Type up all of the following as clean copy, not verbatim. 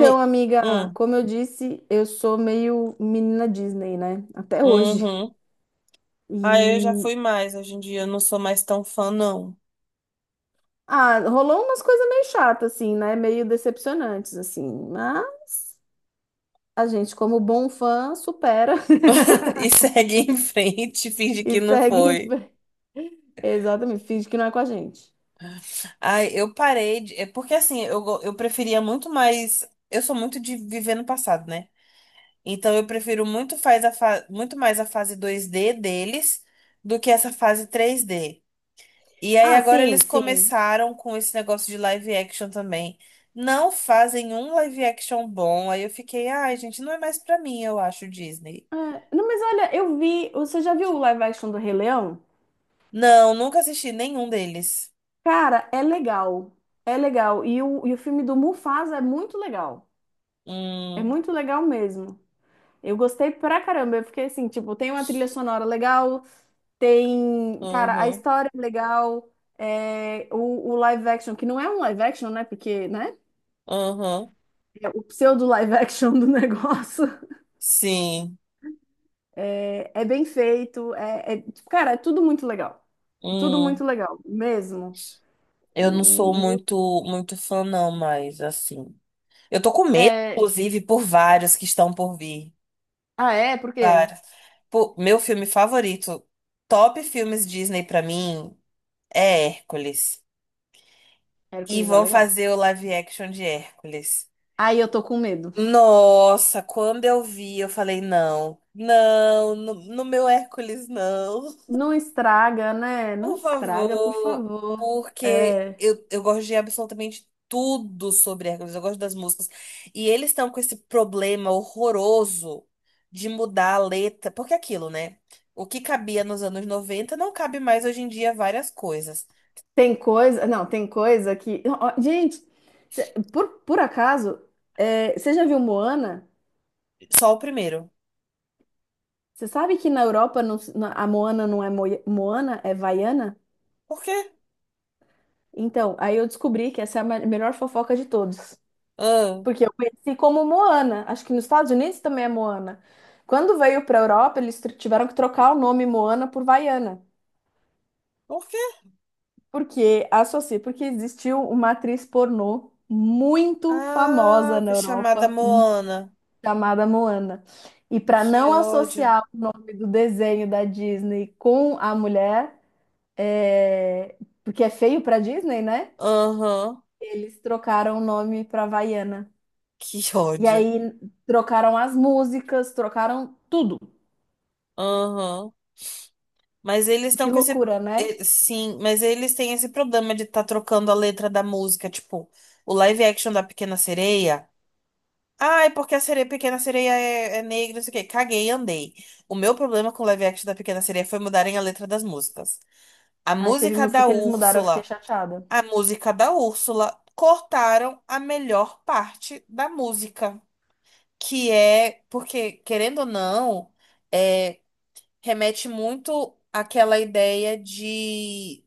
Me... amiga, Hum, como eu disse, eu sou meio menina Disney, né? Até hoje. uhum. Aí eu já E fui mais. Hoje em dia eu não sou mais tão fã, não. Rolou umas coisas meio chatas, assim, né? Meio decepcionantes, assim. Mas a gente, como bom fã, supera E segue em frente, finge e que não segue em foi. frente. Exatamente, finge que não é com a gente. Ai, eu parei de... É porque assim, eu preferia muito mais... Eu sou muito de viver no passado, né? Então eu prefiro muito, muito mais a fase dois d deles do que essa fase três d E aí Ah, agora sim, eles sim. começaram com esse negócio de live action também. Não fazem um live action bom. Aí eu fiquei, ai, gente, não é mais pra mim, eu acho, Disney. Ah, não, mas olha, eu vi. Você já viu o live action do Rei Leão? Não, nunca assisti nenhum deles. Cara, é legal. É legal. E o filme do Mufasa é muito legal. É Hum, muito legal mesmo. Eu gostei pra caramba. Eu fiquei assim, tipo, tem uma trilha sonora legal, tem, cara, a uhum, história é legal, é, o live action, que não é um live action, né? Porque, né? uhum. É o pseudo live action do negócio. Sim. É, é bem feito, é, tipo, cara, é tudo muito legal. Tudo Hum. muito legal, mesmo. E, Eu não sou e eu- muito, muito fã, não, mas assim. Eu tô com medo, É, inclusive, por vários que estão por vir. ah, é? Por quê? Vários. Pô, meu filme favorito, top filmes Disney pra mim, é Hércules. E Hércules é vão legal. fazer o live action de Hércules. Aí eu tô com medo. Nossa, quando eu vi, eu falei, não, não, meu Hércules, não. Não estraga, né? Não Por estraga, por favor, favor. porque É. Eu gosto de absolutamente tudo sobre Hércules, eu gosto das músicas. E eles estão com esse problema horroroso de mudar a letra, porque é aquilo, né? O que cabia nos anos 90 não cabe mais hoje em dia várias coisas. Tem coisa, não, tem coisa que. Ó, gente, cê- por acaso, é, você já viu Moana? Só o primeiro. Você sabe que na Europa a Moana não é Moana, é Vaiana? Por quê? Então, aí eu descobri que essa é a melhor fofoca de todos. Ah, Porque eu conheci como Moana. Acho que nos Estados Unidos também é Moana. Quando veio para a Europa, eles tiveram que trocar o nome Moana por Vaiana. por quê? Porque associa, porque existiu uma atriz pornô muito famosa Ah, na foi chamada Europa Moana. chamada Moana. E para Que não ódio. associar o nome do desenho da Disney com a mulher, é, porque é feio para Disney, né? Aham, Eles trocaram o nome para Havaiana. que E ódio. aí trocaram as músicas, trocaram tudo. Aham. Mas eles Que estão com esse. loucura, né? Sim, mas eles têm esse problema de estar trocando a letra da música. Tipo, o live action da Pequena Sereia. Ai, porque a sereia, Pequena Sereia é negra, não sei o quê. Caguei e andei. O meu problema com o live action da Pequena Sereia foi mudarem a letra das músicas. A Aí teve música música da que eles mudaram, eu fiquei Úrsula. chateada. A música da Úrsula. Cortaram a melhor parte da música, que é porque, querendo ou não, é, remete muito àquela ideia de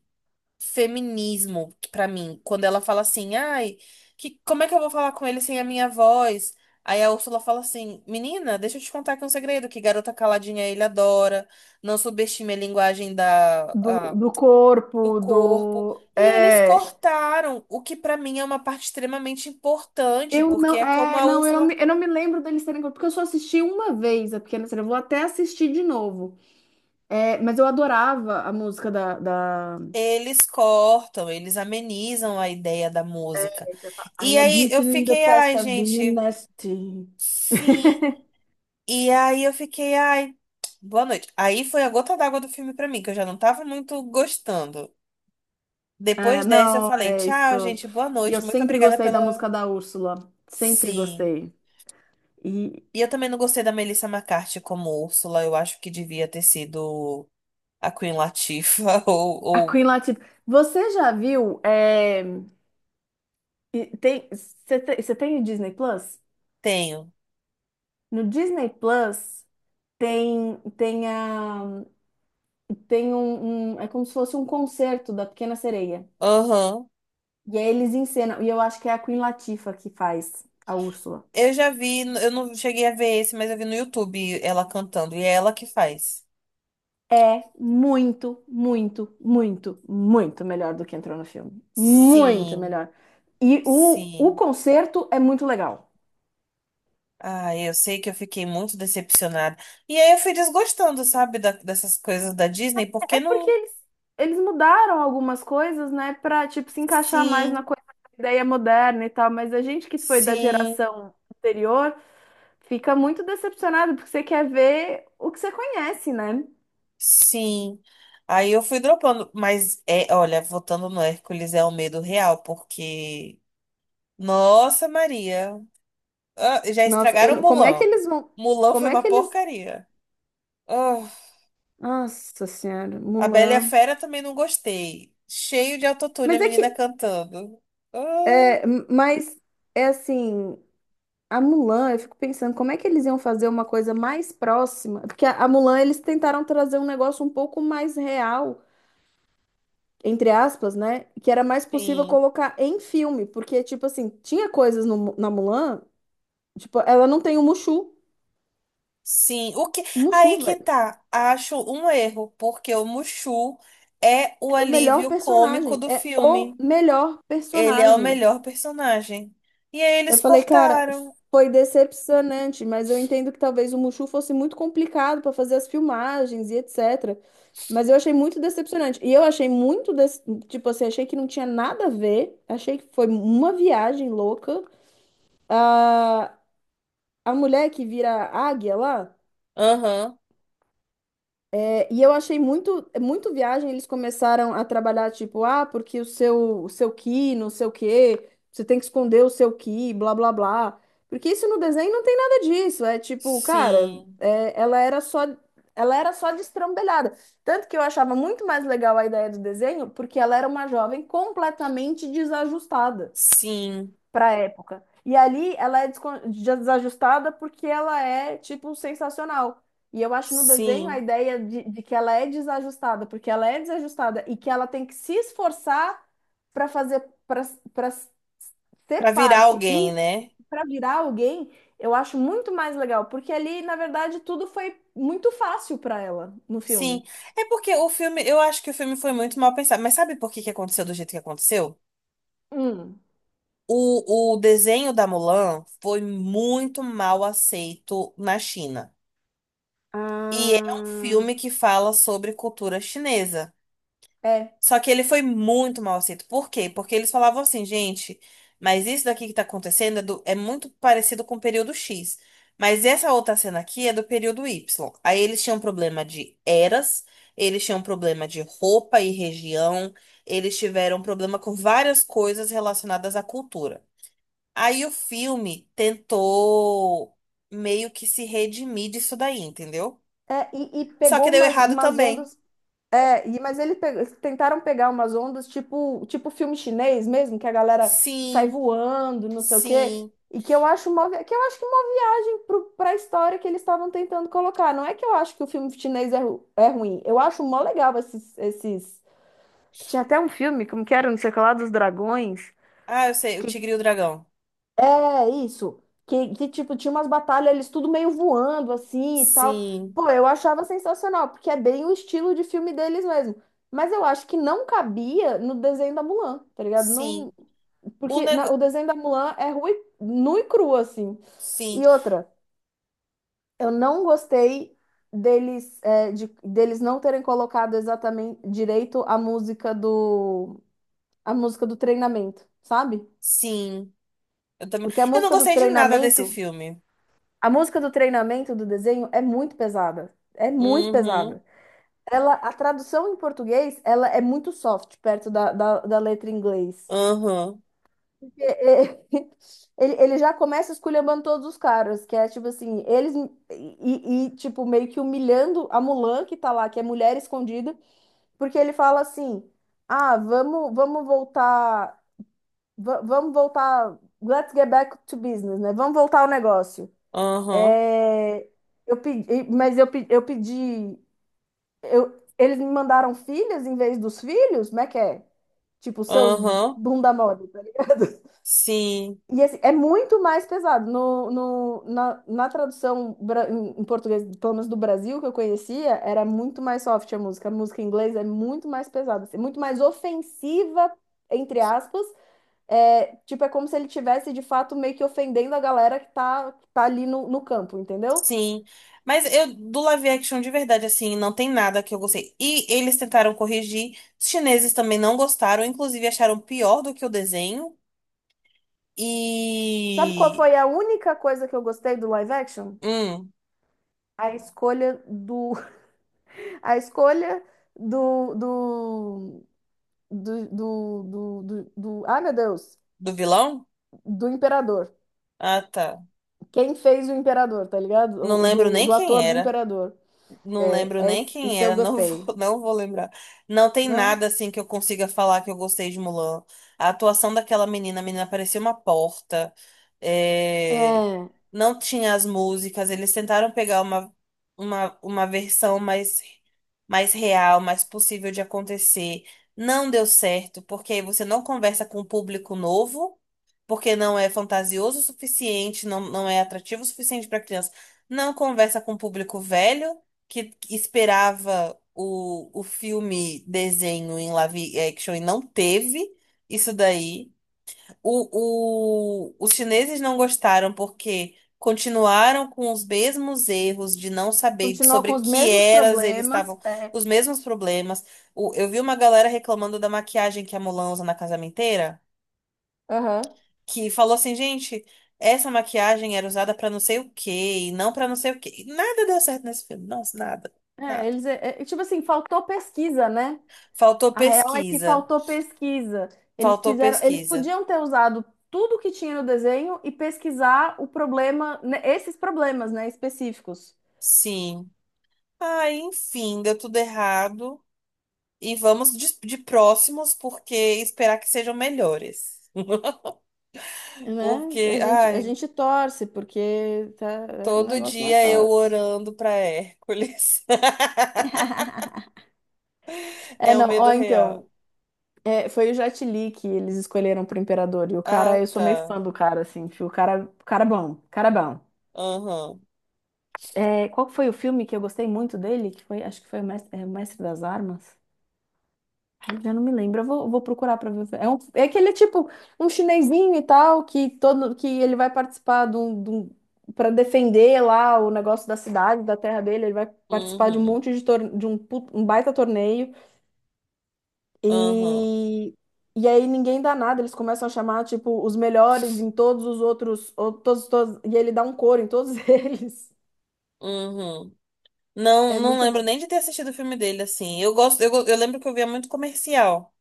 feminismo pra mim, quando ela fala assim, ai, que, como é que eu vou falar com ele sem a minha voz? Aí a Úrsula fala assim, menina, deixa eu te contar aqui um segredo, que garota caladinha ele adora, não subestime a linguagem Do, do do corpo, corpo. do. E eles É. cortaram o que pra mim é uma parte extremamente importante, Eu não. porque é como É, a não, eu não Úrsula. me, eu não me lembro deles terem corpo. Porque eu só assisti uma vez a Pequena Sereia. Eu vou até assistir de novo. É, mas eu adorava a música da... Eles cortam, eles amenizam a ideia da música. I E aí admit eu in the fiquei, past ai, I've been gente, nasty. sim. E aí eu fiquei, ai, boa noite. Aí foi a gota d'água do filme pra mim, que eu já não tava muito gostando. É, Depois dessa eu não, falei, é isso. tchau, gente, boa E eu noite, muito sempre obrigada gostei da pela. música da Úrsula. Sempre Sim. gostei. E E eu também não gostei da Melissa McCarthy como Úrsula, eu acho que devia ter sido a Queen Latifah, a Queen ou Latifah. Você já viu? É, e tem, você tem o Disney Plus? tenho. No Disney Plus tem, tem, a, tem é como se fosse um concerto da Pequena Sereia. Aham. E aí eles encenam. E eu acho que é a Queen Latifah que faz a Úrsula. Eu já vi, eu não cheguei a ver esse, mas eu vi no YouTube ela cantando, e é ela que faz. É muito, muito, muito, muito melhor do que entrou no filme. Muito Sim, melhor. E o sim. concerto é muito legal. Ah, eu sei que eu fiquei muito decepcionada. E aí eu fui desgostando, sabe, da- dessas coisas da Disney, porque É porque não. eles mudaram algumas coisas, né, pra, tipo, se encaixar mais na Sim, coisa da ideia moderna e tal, mas a gente que foi da sim, geração anterior fica muito decepcionado porque você quer ver o que você conhece, né? sim. Aí eu fui dropando, mas é, olha, voltando no Hércules é o medo real, porque. Nossa, Maria. Ah, já Nossa, eu estragaram não- como é que Mulan. eles vão. Mulan Como foi é uma que eles. porcaria. Ah. Nossa Senhora, A Bela e a Mulan. Fera também não gostei. Cheio de autotune, a Mas é menina que cantando. Ah, É, mas é assim, a Mulan, eu fico pensando como é que eles iam fazer uma coisa mais próxima, porque a Mulan eles tentaram trazer um negócio um pouco mais real, entre aspas, né? Que era mais possível sim. colocar em filme, porque tipo assim, tinha coisas no na Mulan, tipo, ela não tem Sim. O que... o Mushu, Aí que velho. tá. Acho um erro, porque o Mushu é o Era o melhor alívio cômico personagem, do é o filme. melhor Ele é o personagem. melhor personagem. E aí Eu eles falei, cara, cortaram. foi decepcionante, mas eu entendo que talvez o Mushu fosse muito complicado para fazer as filmagens e etc. Mas eu achei muito decepcionante. E eu achei muito, tipo assim, achei que não tinha nada a ver. Achei que foi uma viagem louca. A mulher que vira águia lá. Aham. É, e eu achei muito, é muito viagem, eles começaram a trabalhar, tipo, ah, porque o seu ki, não sei o quê, você tem que esconder o seu ki, blá, blá, blá. Porque isso no desenho não tem nada disso, é tipo, cara, Sim. é, ela era só destrambelhada. Tanto que eu achava muito mais legal a ideia do desenho, porque ela era uma jovem completamente desajustada Sim. pra época. E ali ela é desajustada porque ela é, tipo, sensacional. E eu acho no desenho a Sim. ideia de que ela é desajustada, porque ela é desajustada e que ela tem que se esforçar para fazer, para para Pra ser virar parte alguém, e né? para virar alguém, eu acho muito mais legal, porque ali, na verdade, tudo foi muito fácil para ela no Sim. filme. É porque o filme, eu acho que o filme foi muito mal pensado. Mas sabe por que que aconteceu do jeito que aconteceu? Hum. O desenho da Mulan foi muito mal aceito na China. E é um Ah. filme que fala sobre cultura chinesa. É, Só que ele foi muito mal aceito. Por quê? Porque eles falavam assim, gente, mas isso daqui que tá acontecendo é muito parecido com o período X. Mas essa outra cena aqui é do período Y. Aí eles tinham problema de eras, eles tinham problema de roupa e região, eles tiveram problema com várias coisas relacionadas à cultura. Aí o filme tentou meio que se redimir disso daí, entendeu? é, e Só que pegou deu umas, errado umas também. ondas. É, e, mas eles tentaram pegar umas ondas tipo, tipo filme chinês mesmo, que a galera sai Sim, voando, não sei o quê, sim. e que eu acho uma, que eu acho que é uma viagem para a história que eles estavam tentando colocar. Não é que eu acho que o filme chinês é, é ruim, eu acho mó legal esses, esses... Tinha até um filme, como que era, não sei o que lá, dos dragões, Ah, eu sei, o Tigre e o Dragão. é isso. Tipo, tinha umas batalhas, eles tudo meio voando assim e tal. Sim, Pô, eu achava sensacional, porque é bem o estilo de filme deles mesmo. Mas eu acho que não cabia no desenho da Mulan, tá ligado? Não, sim. O porque nego... o desenho da Mulan é ru e, nu e cru, assim. Sim, E outra, eu não gostei deles, é, de, deles não terem colocado exatamente direito a música do treinamento, sabe? sim. Eu também... Porque a Eu não música do gostei de nada desse treinamento. filme. A música do treinamento do desenho é muito pesada. É muito Uhum, pesada. Ela, a tradução em português, ela é muito soft perto da letra em inglês. aham, Porque, é, ele já começa esculhambando todos os caras, que é tipo assim, eles tipo meio que humilhando a Mulan que tá lá, que é mulher escondida, porque ele fala assim: "Ah, vamos voltar, vamos voltar, let's get back to business, né? Vamos voltar ao negócio". aham, É, eu pedi, mas eu, eu pedi. Eu, eles me mandaram filhas em vez dos filhos? Como é que é? Tipo, seus aham. bunda mole. Sim. E assim, é muito mais pesado. No, no, na, na tradução em em português, pelo menos do Brasil, que eu conhecia, era muito mais soft a música. A música em inglês é muito mais pesada, assim, muito mais ofensiva, entre aspas. É, tipo, é como se ele tivesse de fato meio que ofendendo a galera que tá ali no, no campo, entendeu? Sim, mas eu do live action de verdade, assim, não tem nada que eu gostei. E eles tentaram corrigir, os chineses também não gostaram, inclusive acharam pior do que o desenho. Sabe qual E. foi a única coisa que eu gostei do live action? Hum, A escolha do, a escolha do, do, ai meu Deus, do vilão? do imperador. Ah, tá. Quem fez o imperador, tá ligado? Não O lembro do, nem do quem ator do era. imperador. Não É, lembro nem quem isso eu era, não gostei. vou, não vou lembrar. Não tem Não? nada assim que eu consiga falar que eu gostei de Mulan. A atuação daquela menina, a menina parecia uma porta. É, É. não tinha as músicas, eles tentaram pegar uma versão mais, mais real, mais possível de acontecer. Não deu certo, porque aí você não conversa com um público novo porque não é fantasioso o suficiente, não, não é atrativo o suficiente para criança, não conversa com o público velho que esperava o filme desenho em live action e não teve isso daí. Os chineses não gostaram porque continuaram com os mesmos erros de não saber Continua com sobre os que mesmos eras eles problemas. estavam, É. os mesmos problemas. O- eu vi uma galera reclamando da maquiagem que a Mulan usa na casamenteira, Aham. que falou assim, gente, essa maquiagem era usada pra não sei o quê, e não pra não sei o quê. E nada deu certo nesse filme. Nossa, nada, É, nada. eles, é, é, tipo assim, faltou pesquisa, né? Faltou A real é que pesquisa. faltou pesquisa. Eles Faltou quiseram, eles pesquisa. podiam ter usado tudo que tinha no desenho e pesquisar o problema, né, esses problemas, né, específicos. Sim. Ah, enfim, deu tudo errado. E vamos de próximos, porque esperar que sejam melhores. Né? Porque, A gente, a ai, gente torce, porque tá, o todo negócio não é dia eu fácil. orando pra Hércules. É, É um não, medo ó, real. então, é, foi o Jet Li que eles escolheram pro Imperador, e o cara, Ah, eu sou meio tá. fã do cara, assim, tipo, o cara é bom, o cara é bom. Aham. É, qual que foi o filme que eu gostei muito dele? Que foi, acho que foi o Mestre, é, o Mestre das Armas. Ai, já não me lembro. Vou procurar pra ver. É, um, é aquele tipo um chinesinho e tal que todo que ele vai participar de pra defender lá o negócio da cidade, da terra dele. Ele vai participar de um Uhum. monte de um baita torneio Aham. e e aí ninguém dá nada. Eles começam a chamar tipo os melhores em todos os outros, ou, e ele dá um coro em todos eles. Uhum. Uhum. Não, É não muito bom. lembro nem de ter assistido o filme dele, assim. Eu gosto, eu lembro que eu via muito comercial,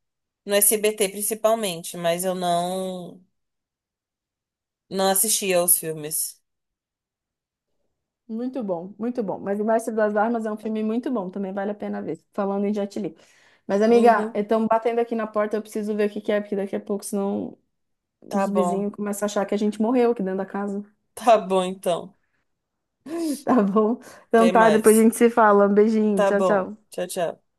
no SBT principalmente, mas eu não assistia aos filmes. Muito bom, muito bom. Mas O Mestre das Armas é um filme muito bom, também vale a pena ver. Falando em Jet Li. Mas, amiga, Uhum, estão batendo aqui na porta, eu preciso ver o que que é, porque daqui a pouco, senão tá os bom. vizinhos começam a achar que a gente morreu aqui dentro da casa. Tá bom, então. Tá bom? Então Até tá, depois a mais. gente se fala. Um beijinho, Tá tchau, bom. tchau. Tchau, tchau.